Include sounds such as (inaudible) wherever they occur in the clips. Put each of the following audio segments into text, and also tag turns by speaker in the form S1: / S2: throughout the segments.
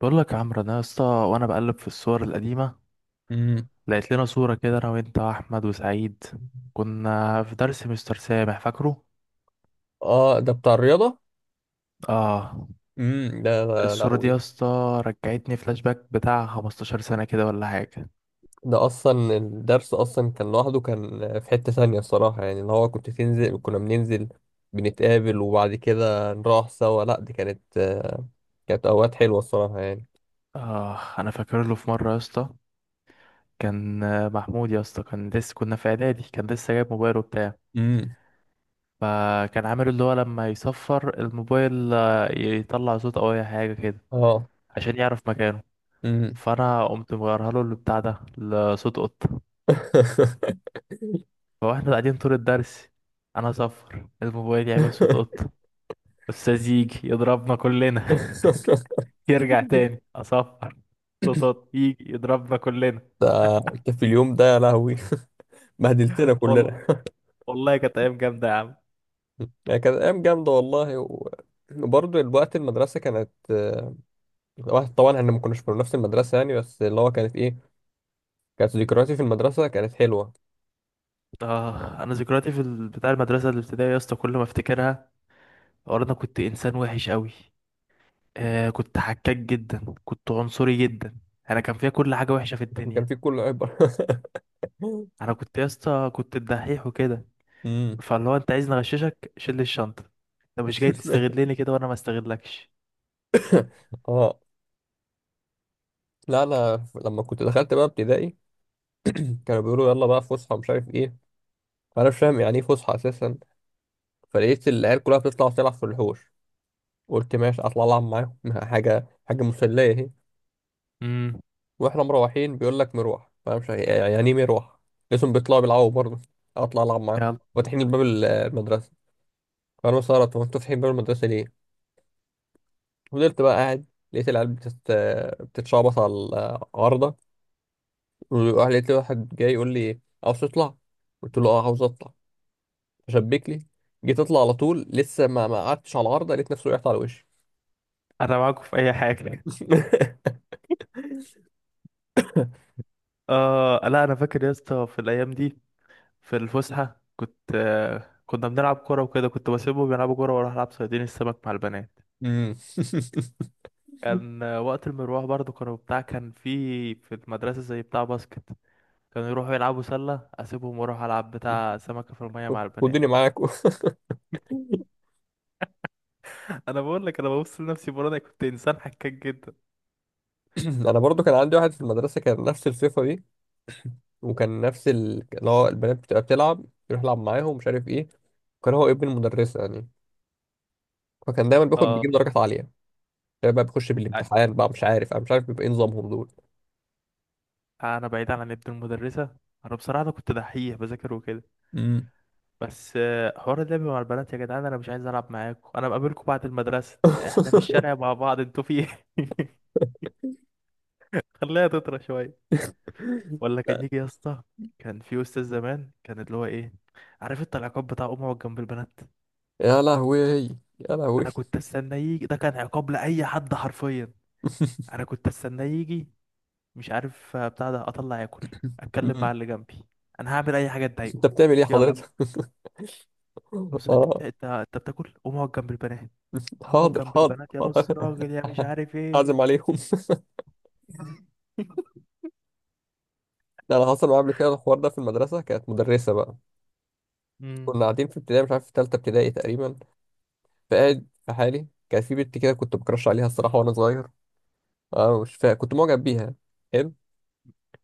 S1: بقول لك يا عمرو، انا يا اسطى، وانا بقلب في الصور القديمه
S2: امم
S1: لقيت لنا صوره كده انا وانت واحمد وسعيد. كنا في درس مستر سامح، فاكره؟
S2: اه، ده بتاع الرياضة.
S1: اه.
S2: ده يا
S1: الصوره دي يا
S2: لهوي.
S1: اسطى رجعتني فلاش باك بتاع 15 سنه كده ولا حاجه.
S2: ده اصلا الدرس اصلا كان لوحده، كان في حتة ثانية الصراحة، يعني اللي هو كنت تنزل كنا بننزل، بنتقابل وبعد كده نروح سوا. لا، دي كانت كانت اوقات حلوة الصراحة يعني.
S1: اه، انا فاكر له في مره يا اسطى. كان محمود يا اسطى كان لسه، كنا في اعدادي، كان لسه جايب موبايل وبتاع.
S2: امم.
S1: فكان عامل اللي هو لما يصفر الموبايل يطلع صوت او اي حاجه كده
S2: اه.
S1: عشان يعرف مكانه.
S2: امم.
S1: فانا قمت مغيرها له البتاع ده لصوت قط.
S2: (laughs)
S1: فواحنا قاعدين طول الدرس، انا اصفر الموبايل يعمل صوت قطة، استاذ يجي يضربنا كلنا. (laughs) يرجع تاني اصفر، صوت قطة، يجي يضربنا كلنا.
S2: ده انت في اليوم ده يا لهوي! (laughs) بهدلتنا
S1: وال...
S2: كلنا. (laughs)
S1: والله كانت ايام جامدة يا عم.
S2: يعني كانت ايام جامدة والله وبرضه الوقت المدرسة كانت واحد. طبعا احنا ما كناش في نفس المدرسة يعني، بس اللي هو كانت ايه، كانت ذكرياتي في المدرسة كانت حلوة.
S1: اه، انا ذكرياتي في بتاع المدرسة الابتدائية يا اسطى، كل ما افتكرها أقول انا كنت انسان وحش قوي. كنت حكاك جدا، كنت عنصري جدا. انا كان فيا كل حاجة وحشة في
S2: كان
S1: الدنيا.
S2: في كل عبر. (laughs)
S1: انا كنت يا اسطى، كنت الدحيح وكده.
S2: أمم.
S1: فاللي هو انت عايز نغششك شيل لي الشنطة، انت مش جاي
S2: (laughs)
S1: تستغلني كده وانا ما استغلكش.
S2: اه، لا انا لما كنت دخلت بقى ابتدائي كانوا بيقولوا يلا بقى فسحة، مش عارف ايه. فانا مش فاهم يعني ايه فسحة اساسا. فلقيت العيال كلها بتطلع تلعب في الحوش. قلت ماشي اطلع العب معاهم. (laughs) حاجة حاجة مسلية اهي.
S1: امم.
S2: واحنا مروحين بيقول لك مروح، فانا مش عارف- يعني ايه مروح. لقيتهم بيطلعوا بيلعبوا برضه. اطلع العب معاهم.
S1: يلا.
S2: فاتحين الباب المدرسة. انا استغربت، هو انتوا صاحيين بره المدرسه ليه؟ فضلت بقى قاعد. لقيت العيال بتتشعبط على العارضه. لقيت واحد جاي يقول لي عاوز تطلع. قلت له اه عاوز اطلع. شبك لي. جيت اطلع على طول، لسه ما قعدتش على العارضه، لقيت نفسي وقعت على وشي.
S1: انا معاكم في اي حاجة.
S2: (laughs)
S1: اه، لا، انا فاكر يا اسطى في الايام دي، في الفسحة كنت كنا بنلعب كورة وكده، كنت بسيبهم يلعبوا كورة واروح العب صيادين السمك مع البنات.
S2: امم. (laughs)
S1: كان وقت المروح برضو، كانوا بتاع، كان في المدرسة زي بتاع باسكت، كانوا يروحوا يلعبوا سلة، اسيبهم واروح العب بتاع سمكة في المية مع البنات.
S2: خدوني معاكم.
S1: (laughs) انا بقول لك، انا ببص لنفسي بره، انا كنت انسان حكاك جدا.
S2: (clears throat) انا برضو كان عندي واحد في المدرسه كان نفس الصفه دي، وكان نفس اللي هو البنات بتبقى بتلعب، يروح يلعب معاهم مش عارف ايه. وكان هو ابن المدرسه يعني، فكان دايما
S1: اه،
S2: بيجيب درجات عاليه. يعني بقى بخش بالامتحان بقى، مش عارف انا مش عارف بيبقى ايه نظامهم دول.
S1: انا بعيد عن ابن المدرسه. انا بصراحه انا كنت دحيح بذاكر وكده.
S2: امم.
S1: بس حوار اللعب مع البنات، يا جدعان انا مش عايز العب معاكم، انا بقابلكم بعد المدرسه احنا في الشارع
S2: (laughs)
S1: مع بعض، انتوا في ايه؟ (laughs) خليها تطرى شويه. ولا كان يجي يا اسطى، كان في استاذ زمان كان اللي هو ايه، عارف انت، العقاب بتاع امه جنب البنات.
S2: يا لهوي، يا لهوي.
S1: انا كنت استنى يجي ده، كان عقاب لاي حد حرفيا. انا كنت استنى يجي، مش عارف بتاع ده، اطلع اكل، اتكلم مع
S2: مم.
S1: اللي جنبي. انا هعمل اي حاجه
S2: (laughs) انت
S1: تضايقه.
S2: بتعمل ايه
S1: يلا.
S2: حضرتك؟ (laughs)
S1: بص انت بت-
S2: اه.
S1: انت انت بتاكل، قوم اقعد جنب البنات. قوم اقعد
S2: حاضر
S1: جنب
S2: حاضر
S1: البنات يا
S2: حاضر.
S1: نص راجل، يا
S2: (laughs)
S1: مش عارف ايه.
S2: اعزم عليهم. ده انا حصل معايا قبل كده الحوار ده في المدرسه. كانت مدرسه بقى،
S1: امم.
S2: كنا قاعدين في ابتدائي، مش عارف في ثالثه ابتدائي تقريبا. فقاعد في حالي، كانت في بنت كده كنت بكرش عليها الصراحه وانا صغير. اه مش فاهم، كنت معجب بيها. حلو.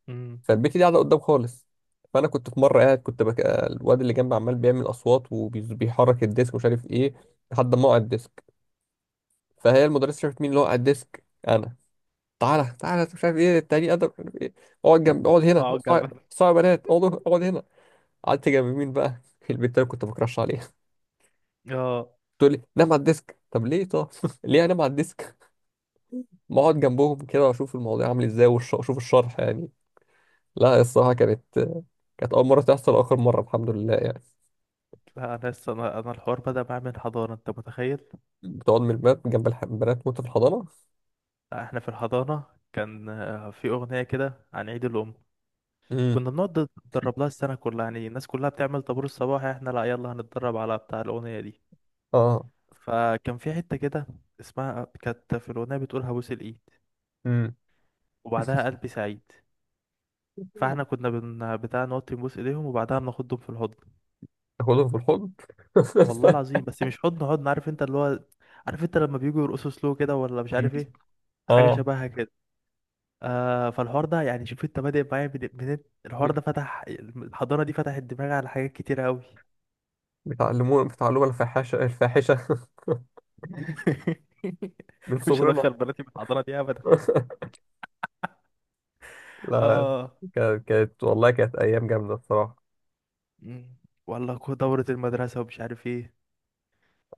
S1: امم.
S2: فالبت دي قاعده قدام خالص. فانا كنت في مره قاعد، الواد اللي جنبي عمال بيعمل اصوات وبيحرك الديسك ومش عارف ايه، لحد ما وقع الديسك. فهي المدرسه شافت مين اللي وقع الديسك، انا. تعالى تعالى، مش عارف ايه، التاني ادم، مش عارف ايه. اقعد هنا.
S1: اقعد جنب.
S2: صعب بنات. اقعد هنا. قعدت جنب مين بقى؟ (laughs) البنت اللي كنت بكرش عليها.
S1: اه،
S2: تقول لي نام على الديسك. طب ليه؟ طب (laughs) ليه انام على الديسك؟ ما اقعد جنبهم كده واشوف الموضوع عامل ازاي واشوف الشرح يعني. لا الصراحه كانت، كانت اول مره تحصل واخر مره الحمد لله يعني.
S1: لا، انا لسه، انا انا الحوار بدأ معايا من الحضانة، انت متخيل؟
S2: بتقعد من البنات جنب البنات وانت في الحضانة؟
S1: لا، احنا في الحضانة كان في اغنية كده عن عيد الام.
S2: امم.
S1: كنا بنقعد نتدرب لها السنة كلها، يعني الناس كلها بتعمل طابور الصباح احنا لا، يلا هنتدرب على بتاع الاغنية دي.
S2: اه.
S1: فكان في حتة كده اسمها، كانت في الاغنية بتقول هبوس الايد،
S2: امم.
S1: وبعدها قلبي سعيد. فاحنا كنا بتاع نقعد تنبوس ايديهم وبعدها بناخدهم في الحضن.
S2: تاخدهم في الحضن؟
S1: والله
S2: (laughs)
S1: العظيم بس مش حضن حضن، عارف انت اللي هو، عارف انت لما بيجوا يرقصوا سلو كده ولا مش عارف ايه، حاجه
S2: اه.
S1: شبهها كده. فالحوار ده يعني، شوف انت بادئ معايا الحوار ده فتح الحضانه دي، فتحت دماغي على حاجات كتير قوي.
S2: بيتعلموا الفاحشة الفاحشة.
S1: (laughs)
S2: (laughs) من
S1: مش هدخل
S2: صغرنا.
S1: بناتي في الحضانه دي ابدا.
S2: (laughs) لا.
S1: اه.
S2: كانت والله كانت أيام جامدة الصراحة.
S1: مم. والله دوره المدرسه ومش عارف ايه.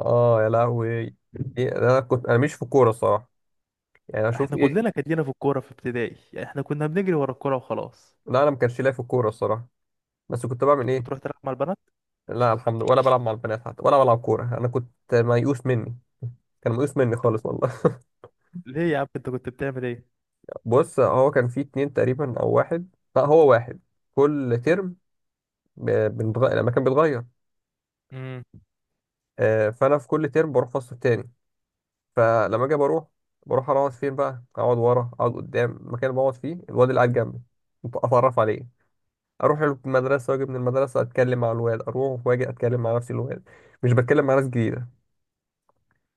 S2: اه يا لهوي. إيه، أنا مش في الكورة الصراحة. يعني أشوف
S1: احنا
S2: إيه.
S1: كلنا كان لينا في الكوره في ابتدائي، يعني احنا كنا بنجري ورا الكوره وخلاص.
S2: لا أنا ما كانش ليا في الكورة الصراحة. بس كنت بعمل
S1: كنت
S2: إيه؟
S1: بتروح تلعب مع البنات.
S2: لا الحمد لله، ولا بلعب مع البنات حتى ولا بلعب كورة. أنا كنت ميؤوس مني. كان ميؤوس مني خالص والله.
S1: ليه يا عم، انت كنت بتعمل ايه؟
S2: بص، هو كان فيه اتنين تقريبا او واحد، لا هو واحد كل ترم، لما كان بيتغير
S1: امم.
S2: فانا في كل ترم بروح فصل تاني. فلما اجي بروح، بروح اقعد فين بقى، اقعد ورا، اقعد قدام، المكان اللي بقعد فيه الواد اللي قاعد جنبي اتعرف عليه. اروح له المدرسه واجي من المدرسه اتكلم مع الواد، اروح واجي اتكلم مع نفس الواد، مش بتكلم مع ناس جديده.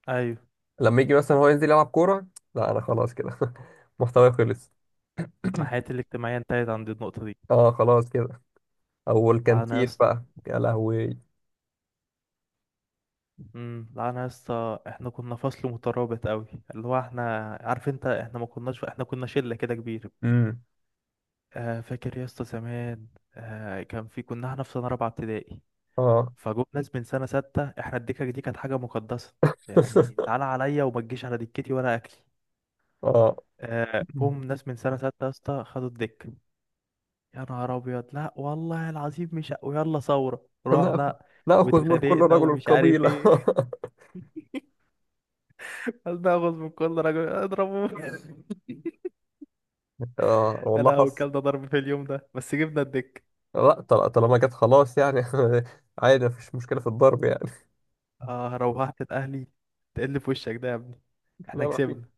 S1: ايوه.
S2: لما يجي مثلا هو ينزل يلعب كوره، لا انا خلاص كده. (laughs) محتواي خلص.
S1: انا حياتي الاجتماعيه انتهت عند النقطه دي.
S2: اه خلاص كده. او
S1: لعنه يا
S2: الكانتين
S1: اسطى.
S2: بقى يا لهوي.
S1: امم. لعنه يا اسطى، احنا كنا فصل مترابط قوي. اللي هو احنا، عارف انت، احنا ما كناش، احنا كنا شله كده كبيره.
S2: امم.
S1: فاكر يا اسطى زمان، كان في، كنا احنا في سنه رابعه ابتدائي.
S2: اه.
S1: فجم ناس من سنه سته، احنا الدكه دي كانت حاجه مقدسه، يعني
S2: (laughs)
S1: تعالى عليا وما تجيش على دكتي ولا اكلي.
S2: اه.
S1: جم ناس من سنه سته يا اسطى، خدوا الدكه. يا نهار ابيض، لا والله العظيم، مش ويلا ثورة،
S2: نأخذ.
S1: رحنا
S2: نأخذ من كل
S1: واتخانقنا
S2: رجل
S1: ومش عارف
S2: قبيلة.
S1: ايه. (laughs) ناخد من كل راجل اضربه. (laughs)
S2: (laughs) اه والله
S1: انا
S2: حصل.
S1: وكلنا ضرب في اليوم ده، بس جبنا الدك.
S2: لا طالما جت خلاص يعني. (laughs) عادي، مفيش مشكلة في الضرب يعني.
S1: اه، روحت الاهلي تقل في وشك ده يا ابني.
S2: (laughs)
S1: احنا
S2: لا ما في.
S1: كسبنا.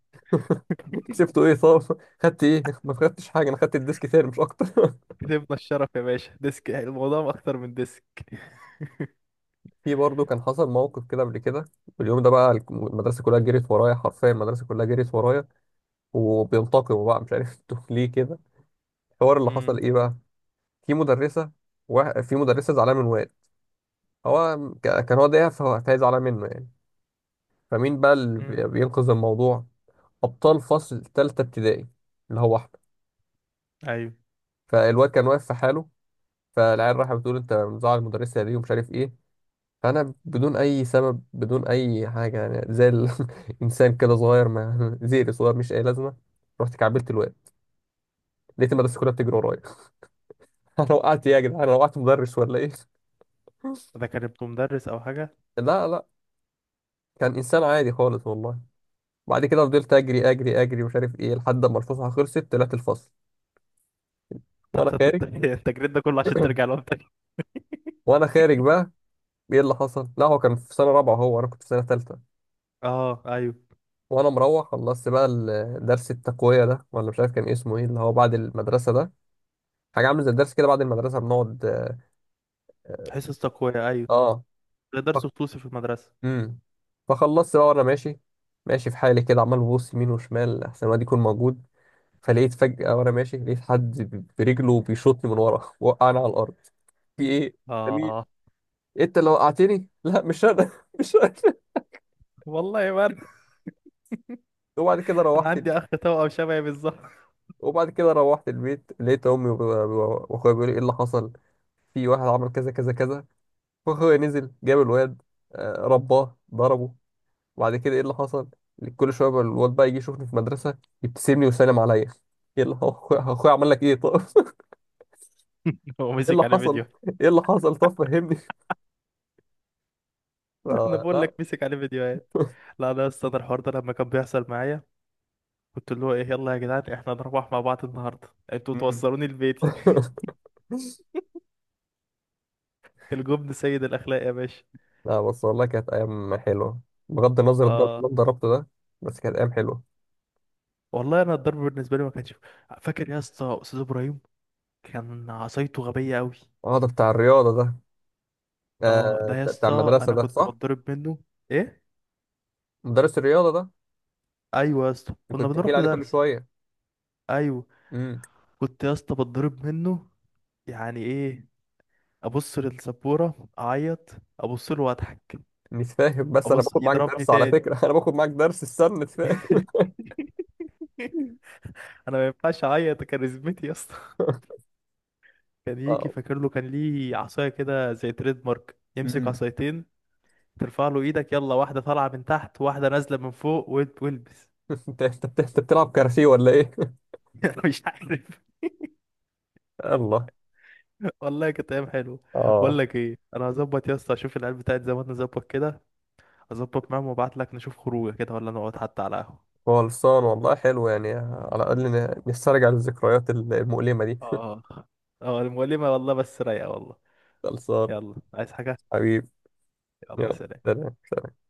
S1: (laughs)
S2: كسبته ايه طب؟ خدت ايه؟ ما خدتش حاجة، انا خدت الديسك تاني مش اكتر. (laughs)
S1: كسبنا الشرف يا باشا، ديسك يعني، الموضوع اكتر من ديسك.
S2: في برضه كان حصل موقف كده قبل كده. اليوم ده بقى المدرسة كلها جريت ورايا، حرفيا المدرسة كلها جريت ورايا وبينتقموا بقى، مش عارف (laughs) انتوا ليه كده. الحوار اللي حصل
S1: امم.
S2: ايه بقى، في مدرسة، في مدرسة زعلانة من واد. هو كان هو ضايقها، فهي زعلانة منه يعني. فمين بقى اللي
S1: امم.
S2: بينقذ الموضوع؟ ابطال فصل تالتة ابتدائي، اللي هو احمد.
S1: ايوه.
S2: فالواد كان واقف في حاله، فالعيال راحت بتقول انت مزعل المدرسه دي ومش عارف ايه. فانا بدون اي سبب، بدون اي حاجه، يعني زي الانسان (laughs) كده صغير ما (laughs) زيري صغير، مش اي لازمه، رحت كعبلت الواد. لقيت المدرسه كلها بتجري ورايا. (laughs) انا وقعت إيه يا جدعان؟ انا وقعت مدرس ولا ايه؟
S1: ده كان ابن مدرس او حاجه؟
S2: لا لا، كان انسان عادي خالص والله. بعد كده فضلت اجري اجري اجري مش عارف ايه، لحد ما الفسحه خلصت طلعت الفصل.
S1: طب،
S2: وانا خارج.
S1: (laughs) التجريد ده كله عشان ترجع
S2: (clears throat)
S1: لهم تاني؟
S2: وانا خارج بقى ايه اللي حصل؟ لا، هو كان في سنه رابعه، هو انا كنت في سنه ثالثه.
S1: اه. ايوه.
S2: وانا مروح خلصت بقى درس التقويه ده، ولا مش عارف كان إيه اسمه، ايه اللي هو بعد المدرسه ده. حاجه عامله زي الدرس كده بعد المدرسه بنقعد.
S1: حصص تقويه، ايوه.
S2: اه.
S1: ده درس
S2: فك...
S1: خصوصي في المدرسه.
S2: امم. فخلصت بقى وانا ماشي، ماشي في حالي كده، عمال ببص يمين وشمال احسن ما دي يكون موجود. فلقيت فجأة وانا ماشي لقيت حد برجله بيشوطني من ورا وقعني على الارض. في ايه؟ ده مين؟
S1: آه
S2: إيه انت اللي وقعتني؟ لا مش انا. (laughs) مش انا.
S1: والله ما أنا،
S2: وبعد كده
S1: أنا
S2: روحت
S1: عندي أخ توأم شبهي بالظبط.
S2: وبعد كده روحت البيت، لقيت امي واخويا بيقولوا ايه اللي حصل. في واحد عمل كذا كذا كذا. فاخويا نزل جاب الواد رباه ضربه. وبعد كده ايه اللي حصل، كل شويه بقى الواد بقى يجي يشوفني في المدرسه، يبتسم لي ويسلم عليا. ايه اللي هو أخويا عمل لك ايه طب؟ (laughs)
S1: (laughs) هو
S2: اللي
S1: مسك عليه
S2: حصل
S1: فيديو.
S2: ايه اللي حصل طب فهمني.
S1: (laughs) أنا بقول
S2: لا.
S1: لك مسك عليه فيديوهات. لا، أنا أصلا الحوار ده لما كان بيحصل معايا، كنت اللي هو إيه، يلا يا جدعان إحنا هنروح مع بعض النهاردة، أنتوا
S2: مم.
S1: توصلوني لبيتي.
S2: (laughs)
S1: (laughs) الجبن سيد الأخلاق يا باشا.
S2: لا، بس والله كانت ايام حلوه. بغض النظر الضرب
S1: آه
S2: اللي أنا ضربته ده، بس كانت ايام حلوه.
S1: والله أنا الضرب بالنسبة لي ما كانش. فاكر يا اسطى أستاذ إبراهيم، كان عصايته غبية أوي.
S2: اه، ده بتاع الرياضه ده، آه
S1: ده يا
S2: بتاع
S1: اسطى
S2: المدرسه
S1: أنا
S2: ده
S1: كنت
S2: صح.
S1: بتضرب منه. إيه.
S2: مدرس الرياضة ده
S1: أيوه يا اسطى
S2: اللي
S1: كنا
S2: كنت بتحكي لي
S1: بنروح له
S2: عليه كل
S1: درس.
S2: شوية.
S1: أيوه.
S2: امم.
S1: كنت يا اسطى بتضرب منه، يعني ايه، ابص للسبورة اعيط، ابص له واضحك،
S2: مش فاهم، بس أنا
S1: ابص
S2: باخد معاك
S1: يضربني
S2: درس على
S1: تاني.
S2: فكرة. (laughs) أنا باخد معاك درس السلة فاهم.
S1: (laughs) انا ما ينفعش اعيط كاريزمتي يا اسطى. (laughs)
S2: (laughs)
S1: كان يجي،
S2: اه.
S1: فاكر له، كان ليه عصايه كده زي تريد مارك يمسك
S2: امم.
S1: عصايتين، ترفع له ايدك، يلا واحده طالعه من تحت واحده نازله من فوق والبس.
S2: (laughs) أنت أنت بتلعب كاراتيه ولا إيه؟
S1: (laughs) انا مش عارف،
S2: (laughs) الله.
S1: والله كانت ايام حلوه. بقول
S2: اه.
S1: لك ايه، انا هظبط يا اسطى، اشوف العيال بتاعت زمان نظبط كده، اظبط معاهم وابعت لك نشوف خروجه كده ولا نقعد حتى على قهوه.
S2: خلصان، والله حلو يعني، على الأقل نسترجع الذكريات المؤلمة دي. (laughs)
S1: اه. اه المؤلمة والله، بس رايقة والله.
S2: خلصان.
S1: يلا، عايز حاجة؟
S2: حبيبي.
S1: يلا سلام.
S2: يلا سلام.